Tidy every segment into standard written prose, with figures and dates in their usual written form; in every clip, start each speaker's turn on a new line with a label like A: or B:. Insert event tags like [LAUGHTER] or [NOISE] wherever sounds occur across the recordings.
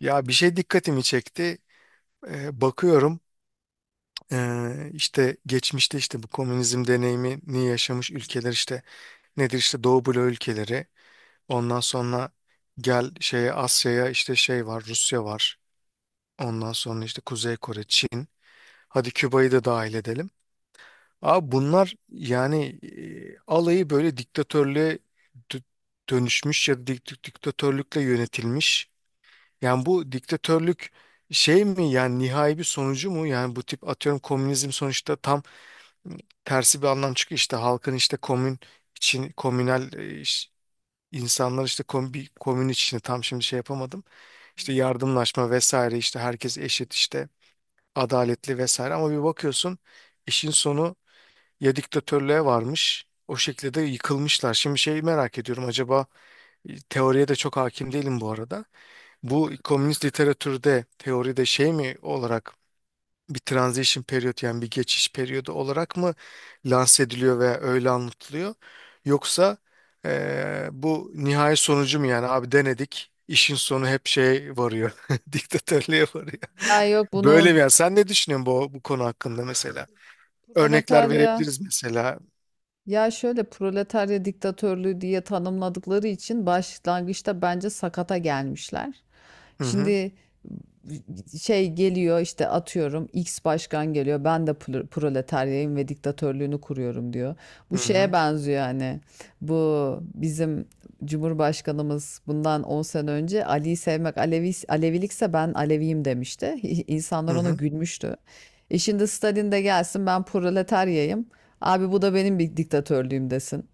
A: Ya bir şey dikkatimi çekti. Bakıyorum, işte geçmişte işte bu komünizm deneyimini yaşamış ülkeler, işte nedir, işte Doğu Bloğu ülkeleri. Ondan sonra gel şeye, Asya'ya, işte şey var, Rusya var. Ondan sonra işte Kuzey Kore, Çin. Hadi Küba'yı da dahil edelim. Abi bunlar yani alayı böyle diktatörlüğe dö- dönüşmüş ya da diktatörlükle yönetilmiş. Yani bu diktatörlük şey mi yani, nihai bir sonucu mu? Yani bu tip, atıyorum, komünizm sonuçta tam tersi bir anlam çıkıyor. İşte halkın, işte komün için, komünel, insanlar işte kom, bir komün içinde, tam şimdi şey yapamadım. İşte yardımlaşma vesaire, işte herkes eşit, işte adaletli vesaire, ama bir bakıyorsun işin sonu ya diktatörlüğe varmış. O şekilde de yıkılmışlar. Şimdi şeyi merak ediyorum acaba. Teoriye de çok hakim değilim bu arada. Bu komünist literatürde, teoride, şey mi olarak, bir transition period, yani bir geçiş periyodu olarak mı lanse ediliyor veya öyle anlatılıyor? Yoksa bu nihai sonucu mu, yani abi denedik, işin sonu hep şey varıyor, [LAUGHS] diktatörlüğe varıyor.
B: Ya yok bunun
A: Böyle mi yani? Sen ne düşünüyorsun bu, bu konu hakkında mesela? Örnekler
B: proletarya
A: verebiliriz mesela.
B: Ya şöyle proletarya diktatörlüğü diye tanımladıkları için başlangıçta bence sakata gelmişler.
A: Hı hı,
B: Şimdi şey geliyor işte atıyorum X başkan geliyor ben de proletaryayım ve diktatörlüğünü kuruyorum diyor. Bu
A: hı
B: şeye
A: hı,
B: benziyor hani bu bizim Cumhurbaşkanımız bundan 10 sene önce Ali'yi sevmek Alevi, Alevilikse ben Aleviyim demişti. [LAUGHS]
A: hı.
B: İnsanlar ona
A: Hı.
B: gülmüştü. E şimdi Stalin de gelsin ben proletaryayım. Abi bu da benim bir diktatörlüğüm desin.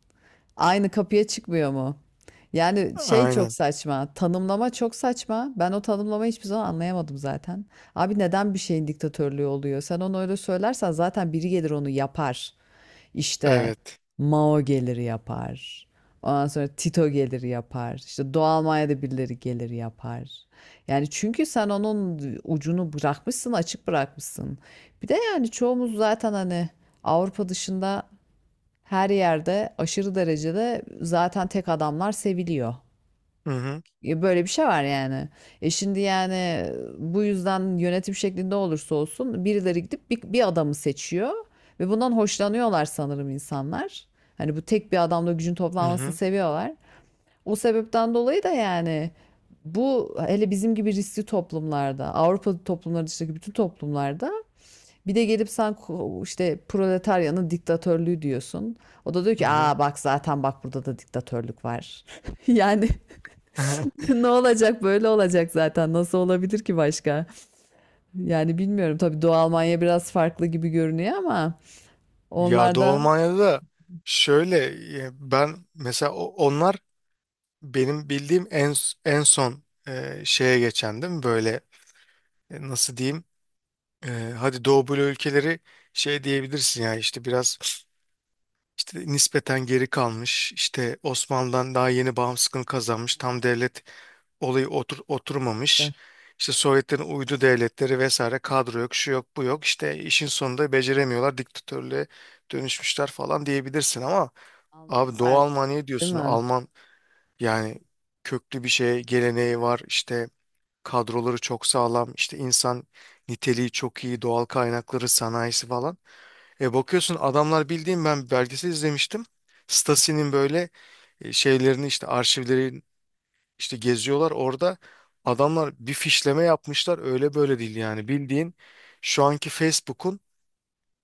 B: Aynı kapıya çıkmıyor mu? Yani şey çok
A: Aynen.
B: saçma. Tanımlama çok saçma. Ben o tanımlamayı hiçbir zaman anlayamadım zaten. Abi neden bir şeyin diktatörlüğü oluyor? Sen onu öyle söylersen zaten biri gelir onu yapar. İşte
A: Evet.
B: Mao gelir yapar. Ondan sonra Tito gelir yapar. İşte Doğu Almanya'da birileri gelir yapar. Yani çünkü sen onun ucunu bırakmışsın, açık bırakmışsın. Bir de yani çoğumuz zaten hani Avrupa dışında her yerde aşırı derecede zaten tek adamlar seviliyor.
A: Hı hı,
B: Böyle bir şey var yani. E şimdi yani bu yüzden yönetim şeklinde olursa olsun birileri gidip bir adamı seçiyor ve bundan hoşlanıyorlar sanırım insanlar. Hani bu tek bir adamla gücün
A: hı
B: toplanmasını
A: hı.
B: seviyorlar. O sebepten dolayı da yani bu hele bizim gibi riskli toplumlarda, Avrupa toplumları dışındaki bütün toplumlarda bir de gelip sen işte proletaryanın diktatörlüğü diyorsun. O da diyor
A: Hı
B: ki
A: hı.
B: aa bak zaten bak burada da diktatörlük var. [LAUGHS] Yani
A: [LAUGHS]
B: [LAUGHS] ne olacak böyle olacak zaten nasıl olabilir ki başka? Yani bilmiyorum tabii Doğu Almanya biraz farklı gibi görünüyor ama
A: Ya
B: onlar
A: Doğu
B: da
A: Almanya'da da şöyle, ben mesela onlar benim bildiğim en en son, şeye geçen değil mi? Böyle, nasıl diyeyim? E, Hadi Doğu Bloğu ülkeleri, şey diyebilirsin ya, işte biraz işte nispeten geri kalmış, işte Osmanlı'dan daha yeni bağımsızlığını kazanmış. Tam devlet olayı
B: Eh,
A: oturmamış. İşte Sovyetlerin uydu devletleri vesaire, kadro yok, şu yok, bu yok. İşte işin sonunda beceremiyorlar, diktatörlüğe dönüşmüşler falan diyebilirsin ama abi Doğu
B: Almanlar
A: Almanya
B: değil
A: diyorsun.
B: mi?
A: Alman yani, köklü bir şey, geleneği var. İşte kadroları çok sağlam. İşte insan niteliği çok iyi. Doğal kaynakları, sanayisi falan. E bakıyorsun adamlar, bildiğim, ben belgesel izlemiştim. Stasi'nin böyle, şeylerini, işte arşivleri işte geziyorlar. Orada adamlar bir fişleme yapmışlar. Öyle böyle değil yani. Bildiğin şu anki Facebook'un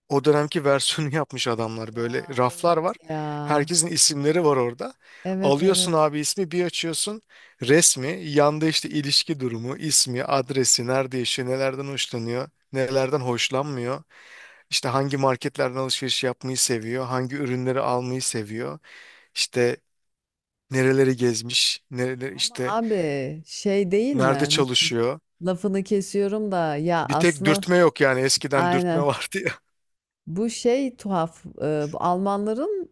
A: o dönemki versiyonu yapmış adamlar, böyle
B: Ya
A: raflar
B: evet
A: var.
B: ya.
A: Herkesin isimleri var orada.
B: Evet,
A: Alıyorsun
B: evet.
A: abi ismi, bir açıyorsun, resmi yanda, işte ilişki durumu, ismi, adresi, nerede yaşıyor, nelerden hoşlanıyor, nelerden hoşlanmıyor. İşte hangi marketlerden alışveriş yapmayı seviyor, hangi ürünleri almayı seviyor, işte nereleri gezmiş, nereleri,
B: Ama
A: işte
B: abi şey değil
A: nerede
B: mi?
A: çalışıyor.
B: Lafını kesiyorum da ya
A: Bir tek
B: aslında
A: dürtme yok yani, eskiden dürtme [LAUGHS]
B: aynen.
A: vardı.
B: Bu şey tuhaf. Bu Almanların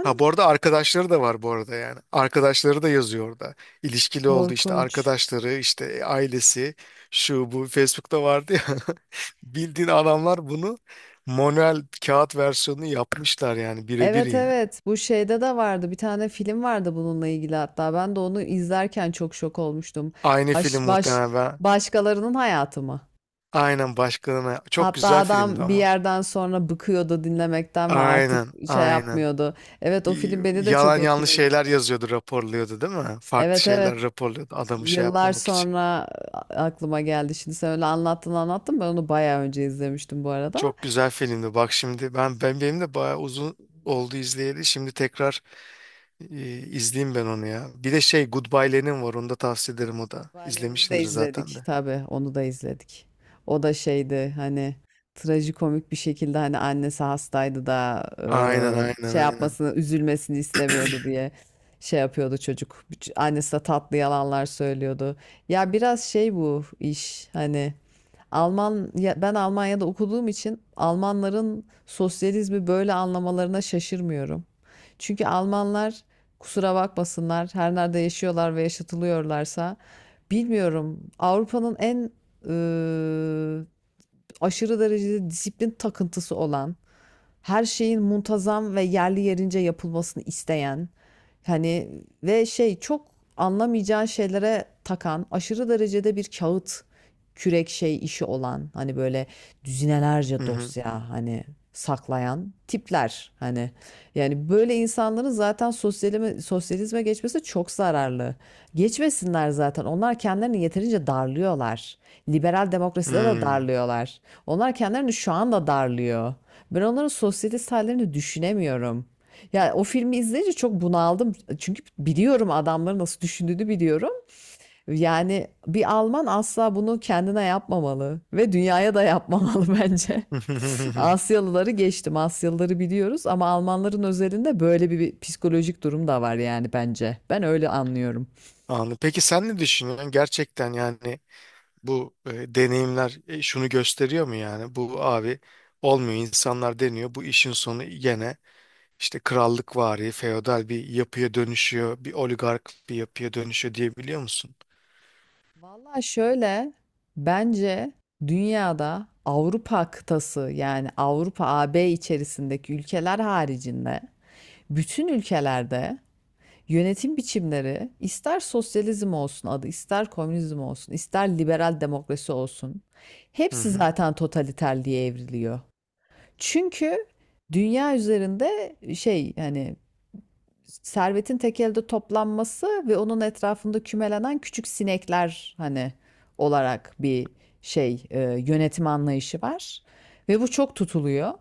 A: Ha, bu arada arkadaşları da var bu arada yani. Arkadaşları da yazıyor orada. İlişkili oldu işte
B: korkunç.
A: arkadaşları, işte, ailesi, şu bu Facebook'ta vardı ya. [LAUGHS] Bildiğin adamlar bunu manuel kağıt versiyonunu yapmışlar, yani birebir
B: Evet,
A: yani.
B: evet. Bu şeyde de vardı. Bir tane film vardı bununla ilgili hatta. Ben de onu izlerken çok şok olmuştum.
A: Aynı
B: Baş,
A: film
B: baş,
A: muhtemelen.
B: Başkalarının hayatı mı?
A: Aynen, başkalarına. Çok
B: Hatta
A: güzel filmdi
B: adam bir
A: ama.
B: yerden sonra bıkıyordu dinlemekten ve artık
A: Aynen,
B: şey
A: aynen.
B: yapmıyordu. Evet, o film beni de
A: Yalan
B: çok
A: yanlış şeyler
B: etkilemişti.
A: yazıyordu, raporluyordu değil mi? Farklı
B: Evet,
A: şeyler
B: evet.
A: raporluyordu, adamı şey
B: Yıllar
A: yapmamak için.
B: sonra aklıma geldi. Şimdi sen öyle anlattın anlattın. Ben onu bayağı önce izlemiştim bu arada.
A: Çok güzel filmdi. Bak şimdi, ben benim de bayağı uzun oldu izleyeli. Şimdi tekrar izleyeyim ben onu ya. Bir de şey Goodbye Lenin var. Onu da tavsiye ederim, o da.
B: Goodbye'lerini de
A: İzlemişsindir zaten
B: izledik
A: de.
B: tabii onu da izledik. O da şeydi hani trajikomik bir şekilde hani annesi hastaydı da
A: Aynen, aynen,
B: şey
A: aynen.
B: yapmasını üzülmesini istemiyordu diye şey yapıyordu çocuk. Annesi de tatlı yalanlar söylüyordu. Ya biraz şey bu iş hani Alman ben Almanya'da okuduğum için Almanların sosyalizmi böyle anlamalarına şaşırmıyorum. Çünkü Almanlar kusura bakmasınlar her nerede yaşıyorlar ve yaşatılıyorlarsa bilmiyorum Avrupa'nın en eee, aşırı derecede disiplin takıntısı olan her şeyin muntazam ve yerli yerince yapılmasını isteyen hani ve şey çok anlamayacağı şeylere takan aşırı derecede bir kağıt kürek şey işi olan hani böyle
A: Hı
B: düzinelerce
A: hı.
B: dosya hani saklayan tipler hani yani böyle insanların zaten sosyalizme geçmesi çok zararlı. Geçmesinler zaten. Onlar kendilerini yeterince darlıyorlar. Liberal demokraside de
A: Hmm.
B: darlıyorlar. Onlar kendilerini şu anda darlıyor. Ben onların sosyete hallerini düşünemiyorum. Yani o filmi izleyince çok bunaldım. Çünkü biliyorum adamların nasıl düşündüğünü biliyorum. Yani bir Alman asla bunu kendine yapmamalı ve dünyaya da yapmamalı [LAUGHS] bence.
A: [LAUGHS]
B: Asyalıları geçtim. Asyalıları biliyoruz ama Almanların özelinde böyle bir psikolojik durum da var yani bence. Ben öyle anlıyorum.
A: Anladım. Peki sen ne düşünüyorsun? Gerçekten yani bu, deneyimler, şunu gösteriyor mu yani? Bu abi olmuyor, insanlar deniyor, bu işin sonu gene işte krallıkvari, feodal bir yapıya dönüşüyor, bir oligark bir yapıya dönüşüyor diyebiliyor musun?
B: Valla şöyle bence dünyada Avrupa kıtası yani Avrupa AB içerisindeki ülkeler haricinde bütün ülkelerde yönetim biçimleri ister sosyalizm olsun adı ister komünizm olsun ister liberal demokrasi olsun
A: Hı
B: hepsi
A: hı.
B: zaten totaliter diye evriliyor. Çünkü dünya üzerinde şey yani servetin tek elde toplanması ve onun etrafında kümelenen küçük sinekler hani olarak bir şey yönetim anlayışı var ve bu çok tutuluyor.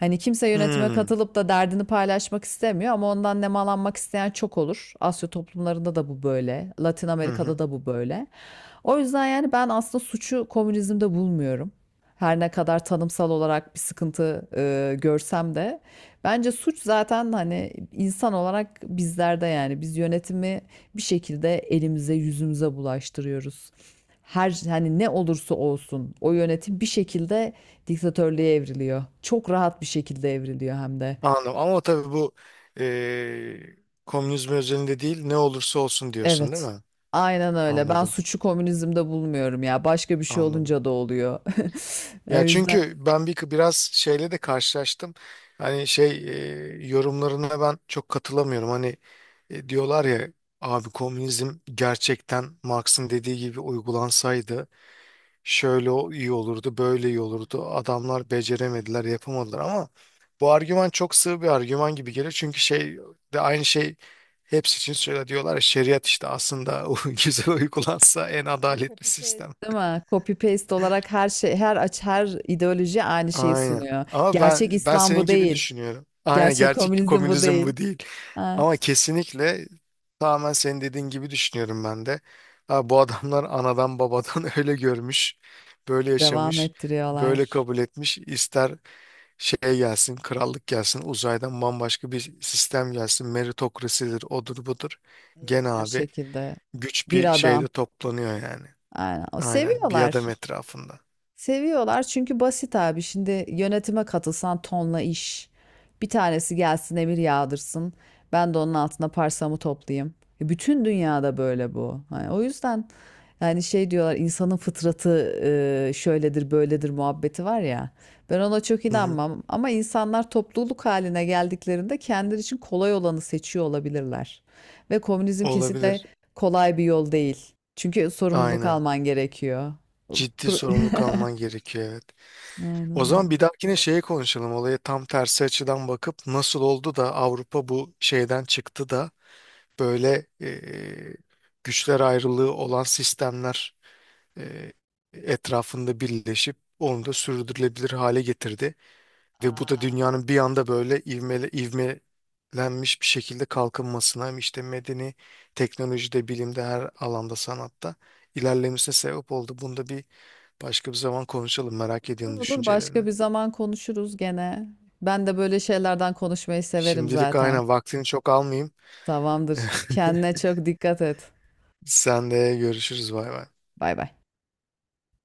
B: Hani kimse yönetime
A: Hmm.
B: katılıp da derdini paylaşmak istemiyor ama ondan nemalanmak isteyen çok olur. Asya toplumlarında da bu böyle, Latin
A: Hı
B: Amerika'da
A: hı.
B: da bu böyle. O yüzden yani ben aslında suçu komünizmde bulmuyorum. Her ne kadar tanımsal olarak bir sıkıntı görsem de bence suç zaten hani insan olarak bizlerde yani biz yönetimi bir şekilde elimize yüzümüze bulaştırıyoruz. Her hani ne olursa olsun o yönetim bir şekilde diktatörlüğe evriliyor. Çok rahat bir şekilde evriliyor hem de.
A: Anladım. Ama tabii bu eee komünizm özelinde değil, ne olursa olsun diyorsun değil
B: Evet.
A: mi?
B: Aynen öyle. Ben
A: Anladım.
B: suçu komünizmde bulmuyorum ya. Başka bir şey
A: Anladım.
B: olunca da oluyor. [LAUGHS] O
A: Ya
B: yüzden
A: çünkü ben bir biraz şeyle de karşılaştım. Hani şey, yorumlarına ben çok katılamıyorum. Hani, diyorlar ya, abi komünizm gerçekten Marx'ın dediği gibi uygulansaydı şöyle iyi olurdu, böyle iyi olurdu. Adamlar beceremediler, yapamadılar, ama bu argüman çok sığ bir argüman gibi gelir. Çünkü şey de aynı şey, hepsi için söyle diyorlar ya, şeriat işte aslında [LAUGHS] o güzel uygulansa en
B: bu
A: adaletli
B: copy paste
A: sistem.
B: değil mi? Copy paste olarak her şey, her aç, her ideoloji aynı şeyi
A: Aynen.
B: sunuyor.
A: Ama
B: Gerçek
A: ben
B: İslam
A: senin
B: bu
A: gibi
B: değil.
A: düşünüyorum. Aynen,
B: Gerçek
A: gerçek
B: komünizm bu
A: komünizm
B: değil.
A: bu değil.
B: Ha,
A: Ama kesinlikle tamamen senin dediğin gibi düşünüyorum ben de. Ha, bu adamlar anadan babadan [LAUGHS] öyle görmüş, böyle
B: devam
A: yaşamış, böyle
B: ettiriyorlar.
A: kabul etmiş. İster şey gelsin, krallık gelsin, uzaydan bambaşka bir sistem gelsin, meritokrasidir, odur budur.
B: İyi,
A: Gene
B: her
A: abi
B: şekilde.
A: güç bir
B: Bir adam.
A: şeyde toplanıyor yani.
B: Aynen. O
A: Aynen, bir
B: seviyorlar.
A: adam etrafında.
B: Seviyorlar çünkü basit abi. Şimdi yönetime katılsan tonla iş. Bir tanesi gelsin emir yağdırsın. Ben de onun altına parsamı toplayayım. Bütün dünyada böyle bu. Hani o yüzden yani şey diyorlar insanın fıtratı şöyledir böyledir muhabbeti var ya. Ben ona çok
A: Hı hı.
B: inanmam ama insanlar topluluk haline geldiklerinde kendileri için kolay olanı seçiyor olabilirler. Ve komünizm kesinlikle
A: Olabilir.
B: kolay bir yol değil. Çünkü sorumluluk
A: Aynen.
B: alman gerekiyor.
A: Ciddi
B: Pro-
A: sorumluluk alman
B: [LAUGHS]
A: gerekiyor, evet. O
B: Aynen öyle.
A: zaman bir dahakine şeye konuşalım. Olaya tam tersi açıdan bakıp nasıl oldu da Avrupa bu şeyden çıktı da böyle, güçler ayrılığı olan sistemler e, etrafında birleşip onu da sürdürülebilir hale getirdi. Ve bu da
B: Aa,
A: dünyanın bir anda böyle ivmelenmiş bir şekilde kalkınmasına, hem işte medeni, teknolojide, bilimde, her alanda, sanatta ilerlemesine sebep oldu. Bunu da bir başka bir zaman konuşalım. Merak
B: olur
A: ediyorum
B: olur
A: düşüncelerini.
B: başka bir zaman konuşuruz gene. Ben de böyle şeylerden konuşmayı severim
A: Şimdilik
B: zaten.
A: aynen, vaktini çok almayayım.
B: Tamamdır. Kendine çok dikkat et.
A: Sen de görüşürüz. Bay bay.
B: Bay bay.